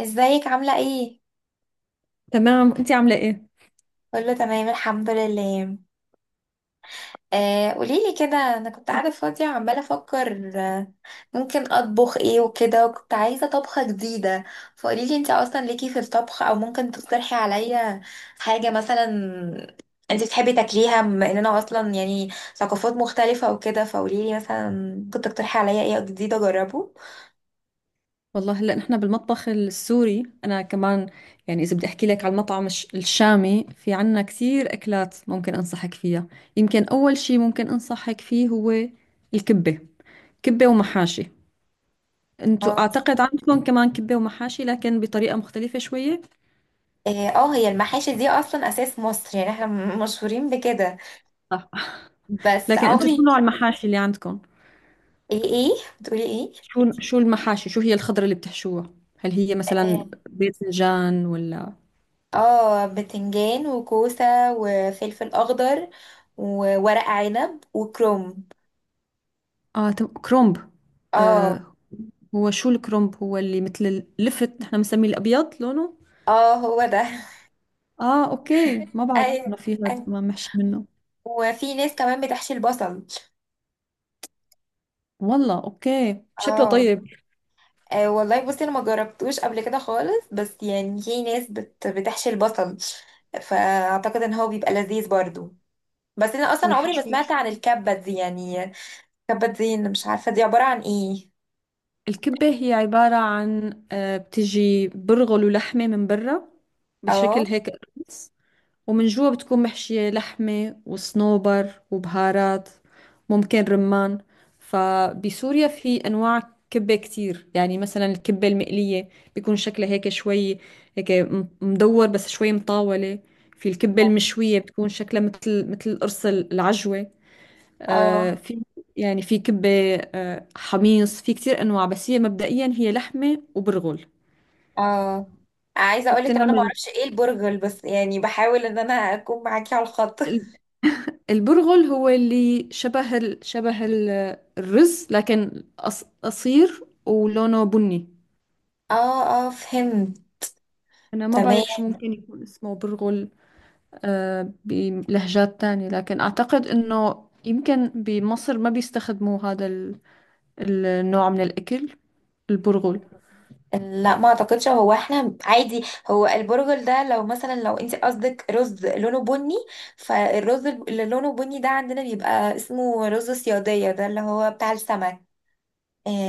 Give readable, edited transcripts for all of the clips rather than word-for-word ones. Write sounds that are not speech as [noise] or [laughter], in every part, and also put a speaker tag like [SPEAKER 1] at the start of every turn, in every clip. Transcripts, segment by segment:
[SPEAKER 1] ازيك عاملة ايه؟
[SPEAKER 2] تمام، انت عامله ايه؟
[SPEAKER 1] كله تمام الحمد لله. قوليلي كده، انا كنت قاعدة فاضية وعمالة افكر، ممكن اطبخ ايه وكده، وكنت عايزة طبخة جديدة. فقوليلي انت اصلا ليكي في الطبخ، او ممكن تقترحي عليا حاجة مثلا انت بتحبي تاكليها، بما اننا اصلا يعني ثقافات مختلفة وكده. فقوليلي مثلا ممكن تقترحي عليا ايه جديد اجربه.
[SPEAKER 2] والله هلا نحن بالمطبخ السوري انا كمان. يعني اذا بدي احكي لك على المطعم الشامي، في عنا كثير اكلات ممكن انصحك فيها. يمكن اول شيء ممكن انصحك فيه هو الكبه. كبه ومحاشي. انتوا
[SPEAKER 1] اه
[SPEAKER 2] اعتقد عندكم كمان كبه ومحاشي لكن بطريقه مختلفه شويه.
[SPEAKER 1] اه، هي المحاشي دي اصلا اساس مصر، يعني احنا مشهورين بكده.
[SPEAKER 2] صح.
[SPEAKER 1] بس
[SPEAKER 2] لكن انتوا شو
[SPEAKER 1] عمري.
[SPEAKER 2] نوع المحاشي اللي عندكم؟
[SPEAKER 1] ايه ايه، بتقولي ايه؟
[SPEAKER 2] شو المحاشي؟ شو هي الخضره اللي بتحشوها؟ هل هي مثلا
[SPEAKER 1] آه،
[SPEAKER 2] باذنجان ولا؟
[SPEAKER 1] اه بتنجان وكوسة، وفلفل اخضر، وورق عنب وكروم.
[SPEAKER 2] اه، كرومب.
[SPEAKER 1] اه
[SPEAKER 2] آه، هو شو الكرومب؟ هو اللي مثل اللفت، نحن بنسميه الابيض لونه.
[SPEAKER 1] اه، هو ده [laughs]
[SPEAKER 2] اه اوكي، ما بعرف انه
[SPEAKER 1] ايوه.
[SPEAKER 2] في هذا ما
[SPEAKER 1] أيوة.
[SPEAKER 2] محشي منه.
[SPEAKER 1] وفي ناس كمان بتحشي البصل.
[SPEAKER 2] والله اوكي، شكله
[SPEAKER 1] اه.
[SPEAKER 2] طيب.
[SPEAKER 1] والله بصي، انا ما جربتوش قبل كده خالص، بس يعني في ناس بتحشي البصل، فاعتقد ان هو بيبقى لذيذ برضو. بس انا اصلا عمري ما
[SPEAKER 2] والحشو؟
[SPEAKER 1] سمعت عن الكبة دي يعني. الكبة دي أنا مش عارفة دي عبارة عن ايه.
[SPEAKER 2] الكبة هي عبارة عن بتجي برغل ولحمة من برا،
[SPEAKER 1] اه
[SPEAKER 2] بشكل هيك. ومن جوا بتكون محشية لحمة وصنوبر وبهارات، ممكن رمان. فبسوريا في أنواع كبة كتير. يعني مثلا الكبة المقلية بيكون شكلها هيك شوي، هيك مدور بس شوي مطاولة. في الكبة المشوية بتكون شكلها مثل القرص العجوة. آه،
[SPEAKER 1] اه
[SPEAKER 2] في. يعني في كبة آه حميص، في كتير أنواع. بس هي مبدئيا هي لحمة وبرغل،
[SPEAKER 1] اه، عايزه اقول لك ان انا ما
[SPEAKER 2] وبتنعمل.
[SPEAKER 1] اعرفش ايه البرغل، بس يعني بحاول ان انا اكون معاكي على الخط.
[SPEAKER 2] البرغل هو اللي شبه الرز، لكن قصير ولونه بني.
[SPEAKER 1] [laughs] اه اه، فهمت.
[SPEAKER 2] أنا ما
[SPEAKER 1] تمام.
[SPEAKER 2] بعرف شو ممكن يكون اسمه برغل آه بلهجات تانية، لكن أعتقد إنه يمكن بمصر ما بيستخدموا النوع من الأكل، البرغل.
[SPEAKER 1] لا، ما اعتقدش، هو احنا عادي. هو البرجل ده لو مثلا، لو انت قصدك رز لونه بني، فالرز اللي لونه بني ده عندنا بيبقى اسمه رز صيادية، ده اللي هو بتاع السمك.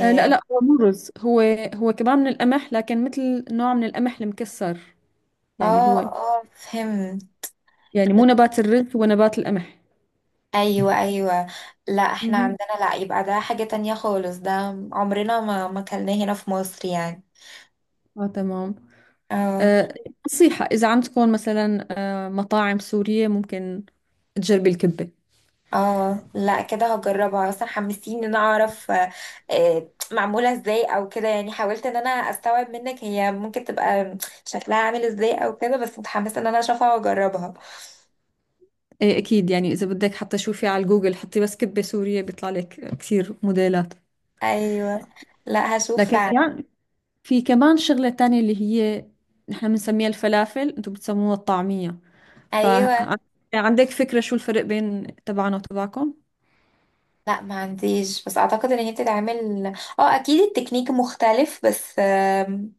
[SPEAKER 2] آه، لا لا هو مو رز. هو هو كمان من القمح، لكن مثل نوع من القمح المكسر.
[SPEAKER 1] اه
[SPEAKER 2] يعني هو،
[SPEAKER 1] فهمت.
[SPEAKER 2] يعني مو نبات الرز، هو نبات القمح.
[SPEAKER 1] ايوه ايوه، لا احنا
[SPEAKER 2] مهم.
[SPEAKER 1] عندنا، لا يبقى ده حاجة تانية خالص ده، عمرنا ما كلناه هنا في مصر يعني.
[SPEAKER 2] اه تمام.
[SPEAKER 1] اه
[SPEAKER 2] آه، نصيحة: إذا عم تكون مثلا مطاعم سورية، ممكن تجربي الكبة.
[SPEAKER 1] اه، لا كده هجربها، اصلا حمستيني ان انا اعرف، معموله ازاي او كده، يعني حاولت ان انا استوعب منك هي ممكن تبقى شكلها عامل ازاي او كده، بس متحمسه ان انا اشوفها واجربها.
[SPEAKER 2] إيه أكيد. يعني إذا بدك حتى، شوفي على جوجل، حطي بس كبة سورية، بيطلع لك كثير موديلات.
[SPEAKER 1] ايوه، لا هشوف
[SPEAKER 2] لكن
[SPEAKER 1] فعلا.
[SPEAKER 2] في كمان شغلة تانية، اللي هي نحن بنسميها الفلافل أنتم بتسموها الطعمية.
[SPEAKER 1] ايوه،
[SPEAKER 2] فعندك فكرة شو الفرق بين تبعنا وتبعكم؟
[SPEAKER 1] لا ما عنديش، بس اعتقد ان هي بتتعمل. اه، اكيد التكنيك مختلف، بس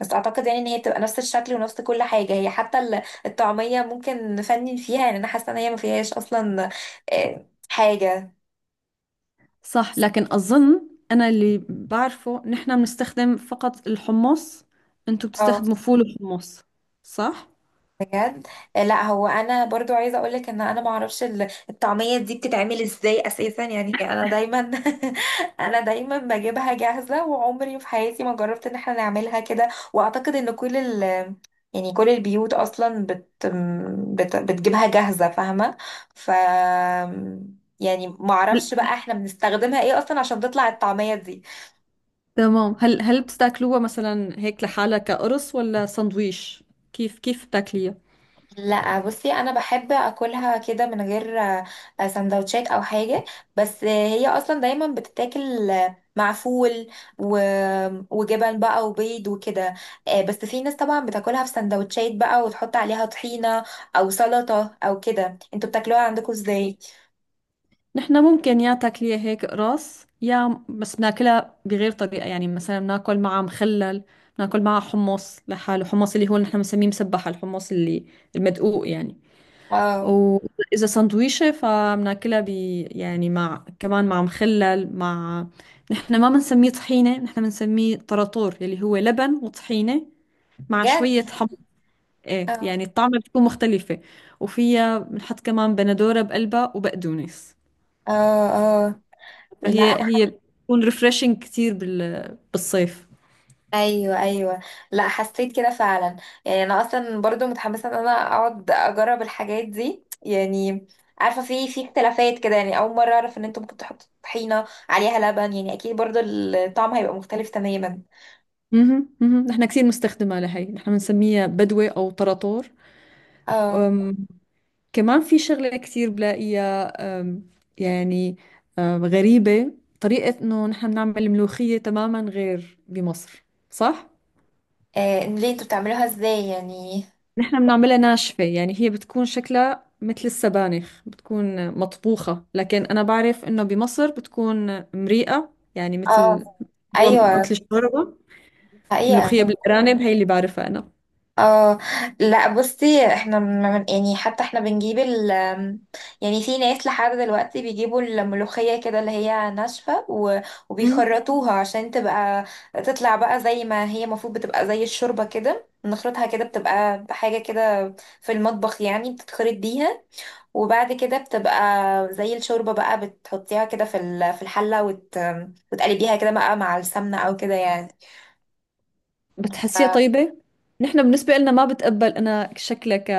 [SPEAKER 1] بس اعتقد يعني ان هي بتبقى نفس الشكل ونفس كل حاجه، هي حتى الطعميه ممكن نفنن فيها، يعني انا حاسه ان هي ما فيهاش اصلا حاجه.
[SPEAKER 2] صح، لكن أظن أنا اللي بعرفه نحن بنستخدم فقط الحمص، أنتم
[SPEAKER 1] اه،
[SPEAKER 2] بتستخدموا فول وحمص. صح؟
[SPEAKER 1] بجد. لا هو انا برضو عايزه اقولك ان انا ما اعرفش الطعميه دي بتتعمل ازاي اساسا، يعني انا دايما [laughs] انا دايما بجيبها جاهزه، وعمري في حياتي ما جربت ان احنا نعملها كده. واعتقد ان كل ال، يعني كل البيوت اصلا بت بت بتجيبها جاهزه، فاهمه؟ ف، يعني ما اعرفش بقى احنا بنستخدمها ايه اصلا عشان تطلع الطعميه دي.
[SPEAKER 2] تمام، هل بتاكلوها مثلا هيك لحالها كقرص ولا سندويش؟ كيف بتاكليها؟
[SPEAKER 1] لا بصي، انا بحب اكلها كده من غير سندوتشات او حاجه. بس هي اصلا دايما بتتاكل، مع فول و، وجبن بقى وبيض وكده. بس في ناس طبعا بتاكلها في سندوتشات بقى، وتحط عليها طحينه، او سلطه او كده. انتوا بتاكلوها عندكم ازاي؟
[SPEAKER 2] نحن ممكن يا تاكليها هيك قرص، يا بس بناكلها بغير طريقة. يعني مثلا بناكل معها مخلل، بناكل معها حمص لحاله، حمص اللي هو نحن بنسميه مسبح، الحمص اللي المدقوق يعني.
[SPEAKER 1] اه،
[SPEAKER 2] وإذا سندويشة فبناكلها ب، يعني مع كمان مع مخلل، مع، نحن ما بنسميه طحينة، نحن بنسميه طراطور، اللي هو لبن وطحينة مع
[SPEAKER 1] بجد.
[SPEAKER 2] شوية حمص. ايه،
[SPEAKER 1] اه
[SPEAKER 2] يعني الطعمة بتكون مختلفة. وفيها بنحط كمان بندورة بقلبها وبقدونس.
[SPEAKER 1] اه لا.
[SPEAKER 2] فهي هي بتكون ريفرشنج كتير بالصيف.
[SPEAKER 1] ايوه ايوه، لا حسيت كده فعلا، يعني انا اصلا برضو متحمسه ان انا اقعد اجرب الحاجات دي يعني. عارفه في اختلافات كده، يعني اول مره اعرف ان انتوا ممكن تحطوا طحينه عليها لبن، يعني اكيد برضو الطعم هيبقى مختلف تماما.
[SPEAKER 2] اها اها، نحن كثير مستخدمة لهي، نحن بنسميها بدوة أو طراطور.
[SPEAKER 1] اه
[SPEAKER 2] أم، كمان في شغلة كثير بلاقيها، أم، يعني، غريبة، طريقة إنه نحن بنعمل ملوخية تماما غير بمصر. صح؟
[SPEAKER 1] ليه انتوا بتعملوها ازاي يعني؟
[SPEAKER 2] نحن بنعملها ناشفة، يعني هي بتكون شكلها مثل السبانخ، بتكون مطبوخة. لكن أنا بعرف إنه بمصر بتكون مريئة، يعني
[SPEAKER 1] اه،
[SPEAKER 2] مثل، هو
[SPEAKER 1] ايوه،
[SPEAKER 2] مثل الشوربة. ملوخية
[SPEAKER 1] حقيقه.
[SPEAKER 2] بالأرانب هي اللي بعرفها أنا.
[SPEAKER 1] اه لا بصي احنا من، يعني حتى احنا بنجيب ال، يعني في ناس لحد دلوقتي بيجيبوا الملوخية كده اللي هي ناشفة
[SPEAKER 2] مم.
[SPEAKER 1] وبيخرطوها عشان تبقى تطلع بقى زي ما هي المفروض، بتبقى زي الشوربة كده نخرطها كده، بتبقى حاجة كده في المطبخ، يعني بتتخرط بيها، وبعد كده بتبقى زي الشوربة بقى، بتحطيها كده في في الحلة وت، وتقلبيها كده بقى مع السمنة او كده يعني.
[SPEAKER 2] بتحسيها طيبة؟ نحن بالنسبة لنا ما بتقبل أنا شكلها ك،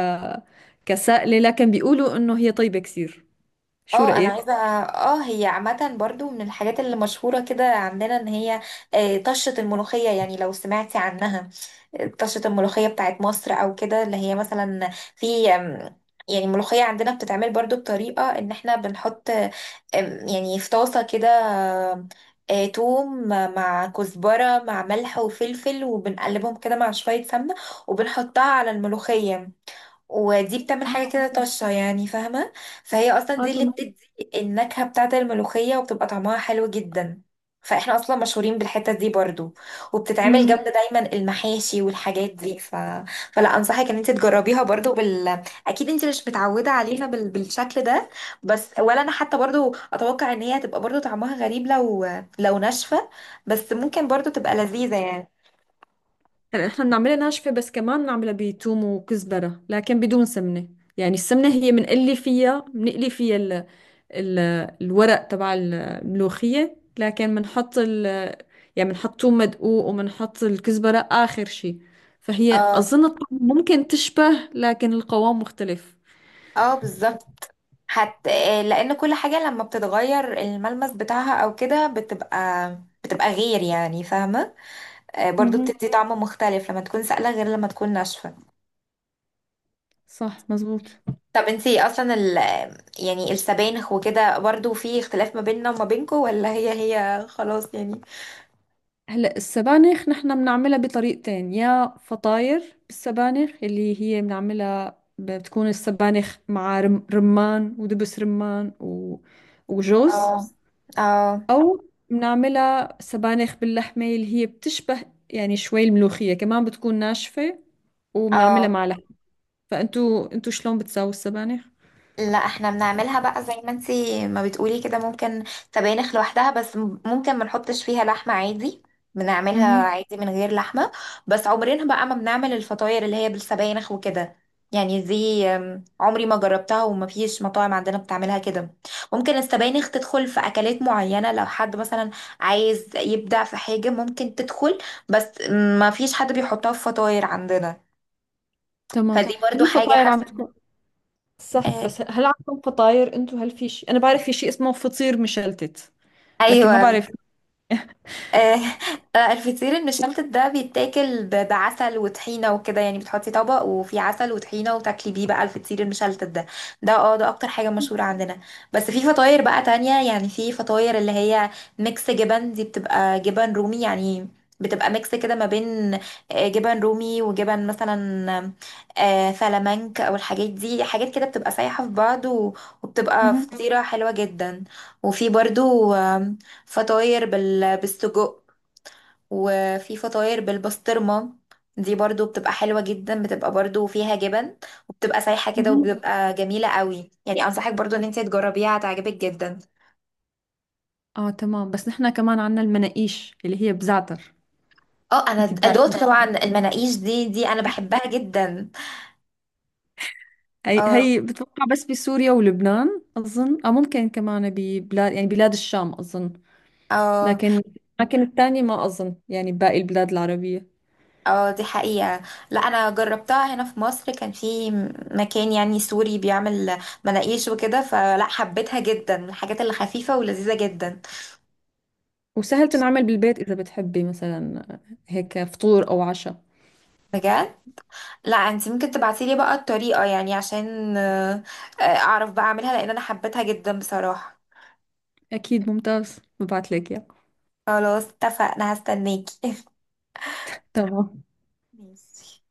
[SPEAKER 2] كسائلة، لكن بيقولوا إنه هي طيبة كثير. شو
[SPEAKER 1] اه انا
[SPEAKER 2] رأيك؟
[SPEAKER 1] عايزه، اه هي عامه برضو من الحاجات اللي مشهوره كده عندنا، ان هي طشه الملوخيه، يعني لو سمعتي عنها طشه الملوخيه بتاعت مصر او كده، اللي هي مثلا في يعني الملوخيه عندنا بتتعمل برضو بطريقه ان احنا بنحط، يعني في طاسه كده، آم، توم مع كزبره مع ملح وفلفل، وبنقلبهم كده مع شويه سمنه، وبنحطها على الملوخيه، ودي بتعمل حاجة
[SPEAKER 2] اه،
[SPEAKER 1] كده طشة، يعني فاهمة؟ فهي أصلا
[SPEAKER 2] اه
[SPEAKER 1] دي اللي
[SPEAKER 2] تمام.
[SPEAKER 1] بتدي النكهة بتاعة الملوخية، وبتبقى طعمها حلو جدا. فاحنا أصلا مشهورين بالحتة دي برضو، وبتتعمل
[SPEAKER 2] مم.
[SPEAKER 1] جنب دايما المحاشي والحاجات دي ف، فلا أنصحك إن انت تجربيها برضو بال، أكيد انت مش متعودة عليها بال، بالشكل ده، بس ولا أنا حتى برضو أتوقع إن هي هتبقى برضو طعمها غريب لو، لو ناشفة، بس ممكن برضو تبقى لذيذة يعني.
[SPEAKER 2] هلا نحن بنعملها ناشفة، بس كمان بنعملها بتوم وكزبرة لكن بدون سمنة. يعني السمنة هي بنقلي فيها ال الورق تبع الملوخية. لكن بنحط ال، يعني بنحط توم مدقوق وبنحط الكزبرة آخر شي. فهي
[SPEAKER 1] اه
[SPEAKER 2] أظن الطعم ممكن تشبه، لكن القوام مختلف.
[SPEAKER 1] اه بالظبط. حتى، لان كل حاجة لما بتتغير الملمس بتاعها او كده، بتبقى بتبقى غير، يعني فاهمة؟ برضو
[SPEAKER 2] مهم.
[SPEAKER 1] بتدي طعم مختلف لما تكون سائلة، غير لما تكون ناشفة.
[SPEAKER 2] صح مزبوط.
[SPEAKER 1] طب انتي اصلا ال، يعني السبانخ وكده برضو في اختلاف ما بيننا وما بينكو، ولا هي هي خلاص يعني؟
[SPEAKER 2] هلا السبانخ نحن بنعملها بطريقتين: يا فطاير بالسبانخ، اللي هي بنعملها بتكون السبانخ مع رمان ودبس رمان و... وجوز.
[SPEAKER 1] اه اه
[SPEAKER 2] او بنعملها سبانخ باللحمة، اللي هي بتشبه يعني شوي الملوخية، كمان بتكون ناشفة وبنعملها
[SPEAKER 1] اه،
[SPEAKER 2] مع لحمة. فانتوا شلون بتساووا السبانخ؟
[SPEAKER 1] لا احنا بنعملها بقى زي ما انتي ما بتقولي كده، ممكن سبانخ لوحدها، بس ممكن ما نحطش فيها لحمة عادي، بنعملها
[SPEAKER 2] اها
[SPEAKER 1] عادي من غير لحمة. بس عمرنا بقى ما بنعمل الفطاير اللي هي بالسبانخ وكده، يعني دي عمري ما جربتها، وما فيش مطاعم عندنا بتعملها كده. ممكن السبانخ تدخل في أكلات معينة لو حد مثلا عايز يبدع في حاجة ممكن تدخل، بس ما فيش حد بيحطها في فطاير عندنا،
[SPEAKER 2] تمام.
[SPEAKER 1] فدي
[SPEAKER 2] هل
[SPEAKER 1] برضو حاجة
[SPEAKER 2] الفطاير عم
[SPEAKER 1] حاسة
[SPEAKER 2] تكون، صح
[SPEAKER 1] اه،
[SPEAKER 2] بس هل عندكم فطاير انتوا؟ هل في شيء، انا بعرف في شيء اسمه فطير مشلتت لكن ما
[SPEAKER 1] ايوه
[SPEAKER 2] بعرف.
[SPEAKER 1] آه، الفطير المشلتت ده بيتاكل بعسل وطحينه وكده، يعني بتحطي طبق وفي عسل وطحينه، وتاكلي بيه بقى الفطير المشلتت ده. ده اه ده اكتر حاجه مشهوره عندنا. بس في فطاير بقى تانية، يعني في فطاير اللي هي ميكس جبن، دي بتبقى جبن رومي يعني، بتبقى ميكس كده ما بين جبن رومي وجبن مثلا فلامنك، او الحاجات دي حاجات كده بتبقى سايحه في بعض وبتبقى
[SPEAKER 2] مهم.
[SPEAKER 1] فطيره حلوه جدا. وفي برضو فطاير بال، بالسجق، وفي فطاير بالبسطرمة، دي برضو بتبقى حلوة جدا، بتبقى برضو فيها جبن، وبتبقى سايحة كده،
[SPEAKER 2] مهم.
[SPEAKER 1] وبتبقى جميلة قوي، يعني أنصحك برضو إن انت تجربيها هتعجبك جدا.
[SPEAKER 2] اه تمام. بس نحن كمان عنا المناقيش اللي هي بزعتر.
[SPEAKER 1] اه أنا
[SPEAKER 2] انت
[SPEAKER 1] أدوت
[SPEAKER 2] بتعرفي؟
[SPEAKER 1] [laughs] طبعا المناقيش دي أنا بحبها جدا.
[SPEAKER 2] هي
[SPEAKER 1] اه
[SPEAKER 2] هي بتوقع بس بسوريا ولبنان اظن، او ممكن كمان ببلاد، يعني بلاد الشام اظن.
[SPEAKER 1] اه
[SPEAKER 2] لكن، لكن الثانية ما اظن يعني بباقي البلاد العربية.
[SPEAKER 1] اه دي حقيقة، لا أنا جربتها هنا في مصر، كان في مكان يعني سوري بيعمل مناقيش وكده، فلا حبيتها جدا، من الحاجات اللي خفيفة ولذيذة جدا.
[SPEAKER 2] وسهل تنعمل بالبيت، اذا بتحبي مثلا هيك فطور او عشاء.
[SPEAKER 1] بجد، لا انت ممكن تبعتيلي بقى الطريقة يعني عشان اعرف بقى اعملها، لان انا حبيتها جدا بصراحة.
[SPEAKER 2] اكيد، ممتاز، ببعت لك اياه.
[SPEAKER 1] خلاص اتفقنا، هستناكي [laughs]
[SPEAKER 2] تمام.
[SPEAKER 1] ماشي.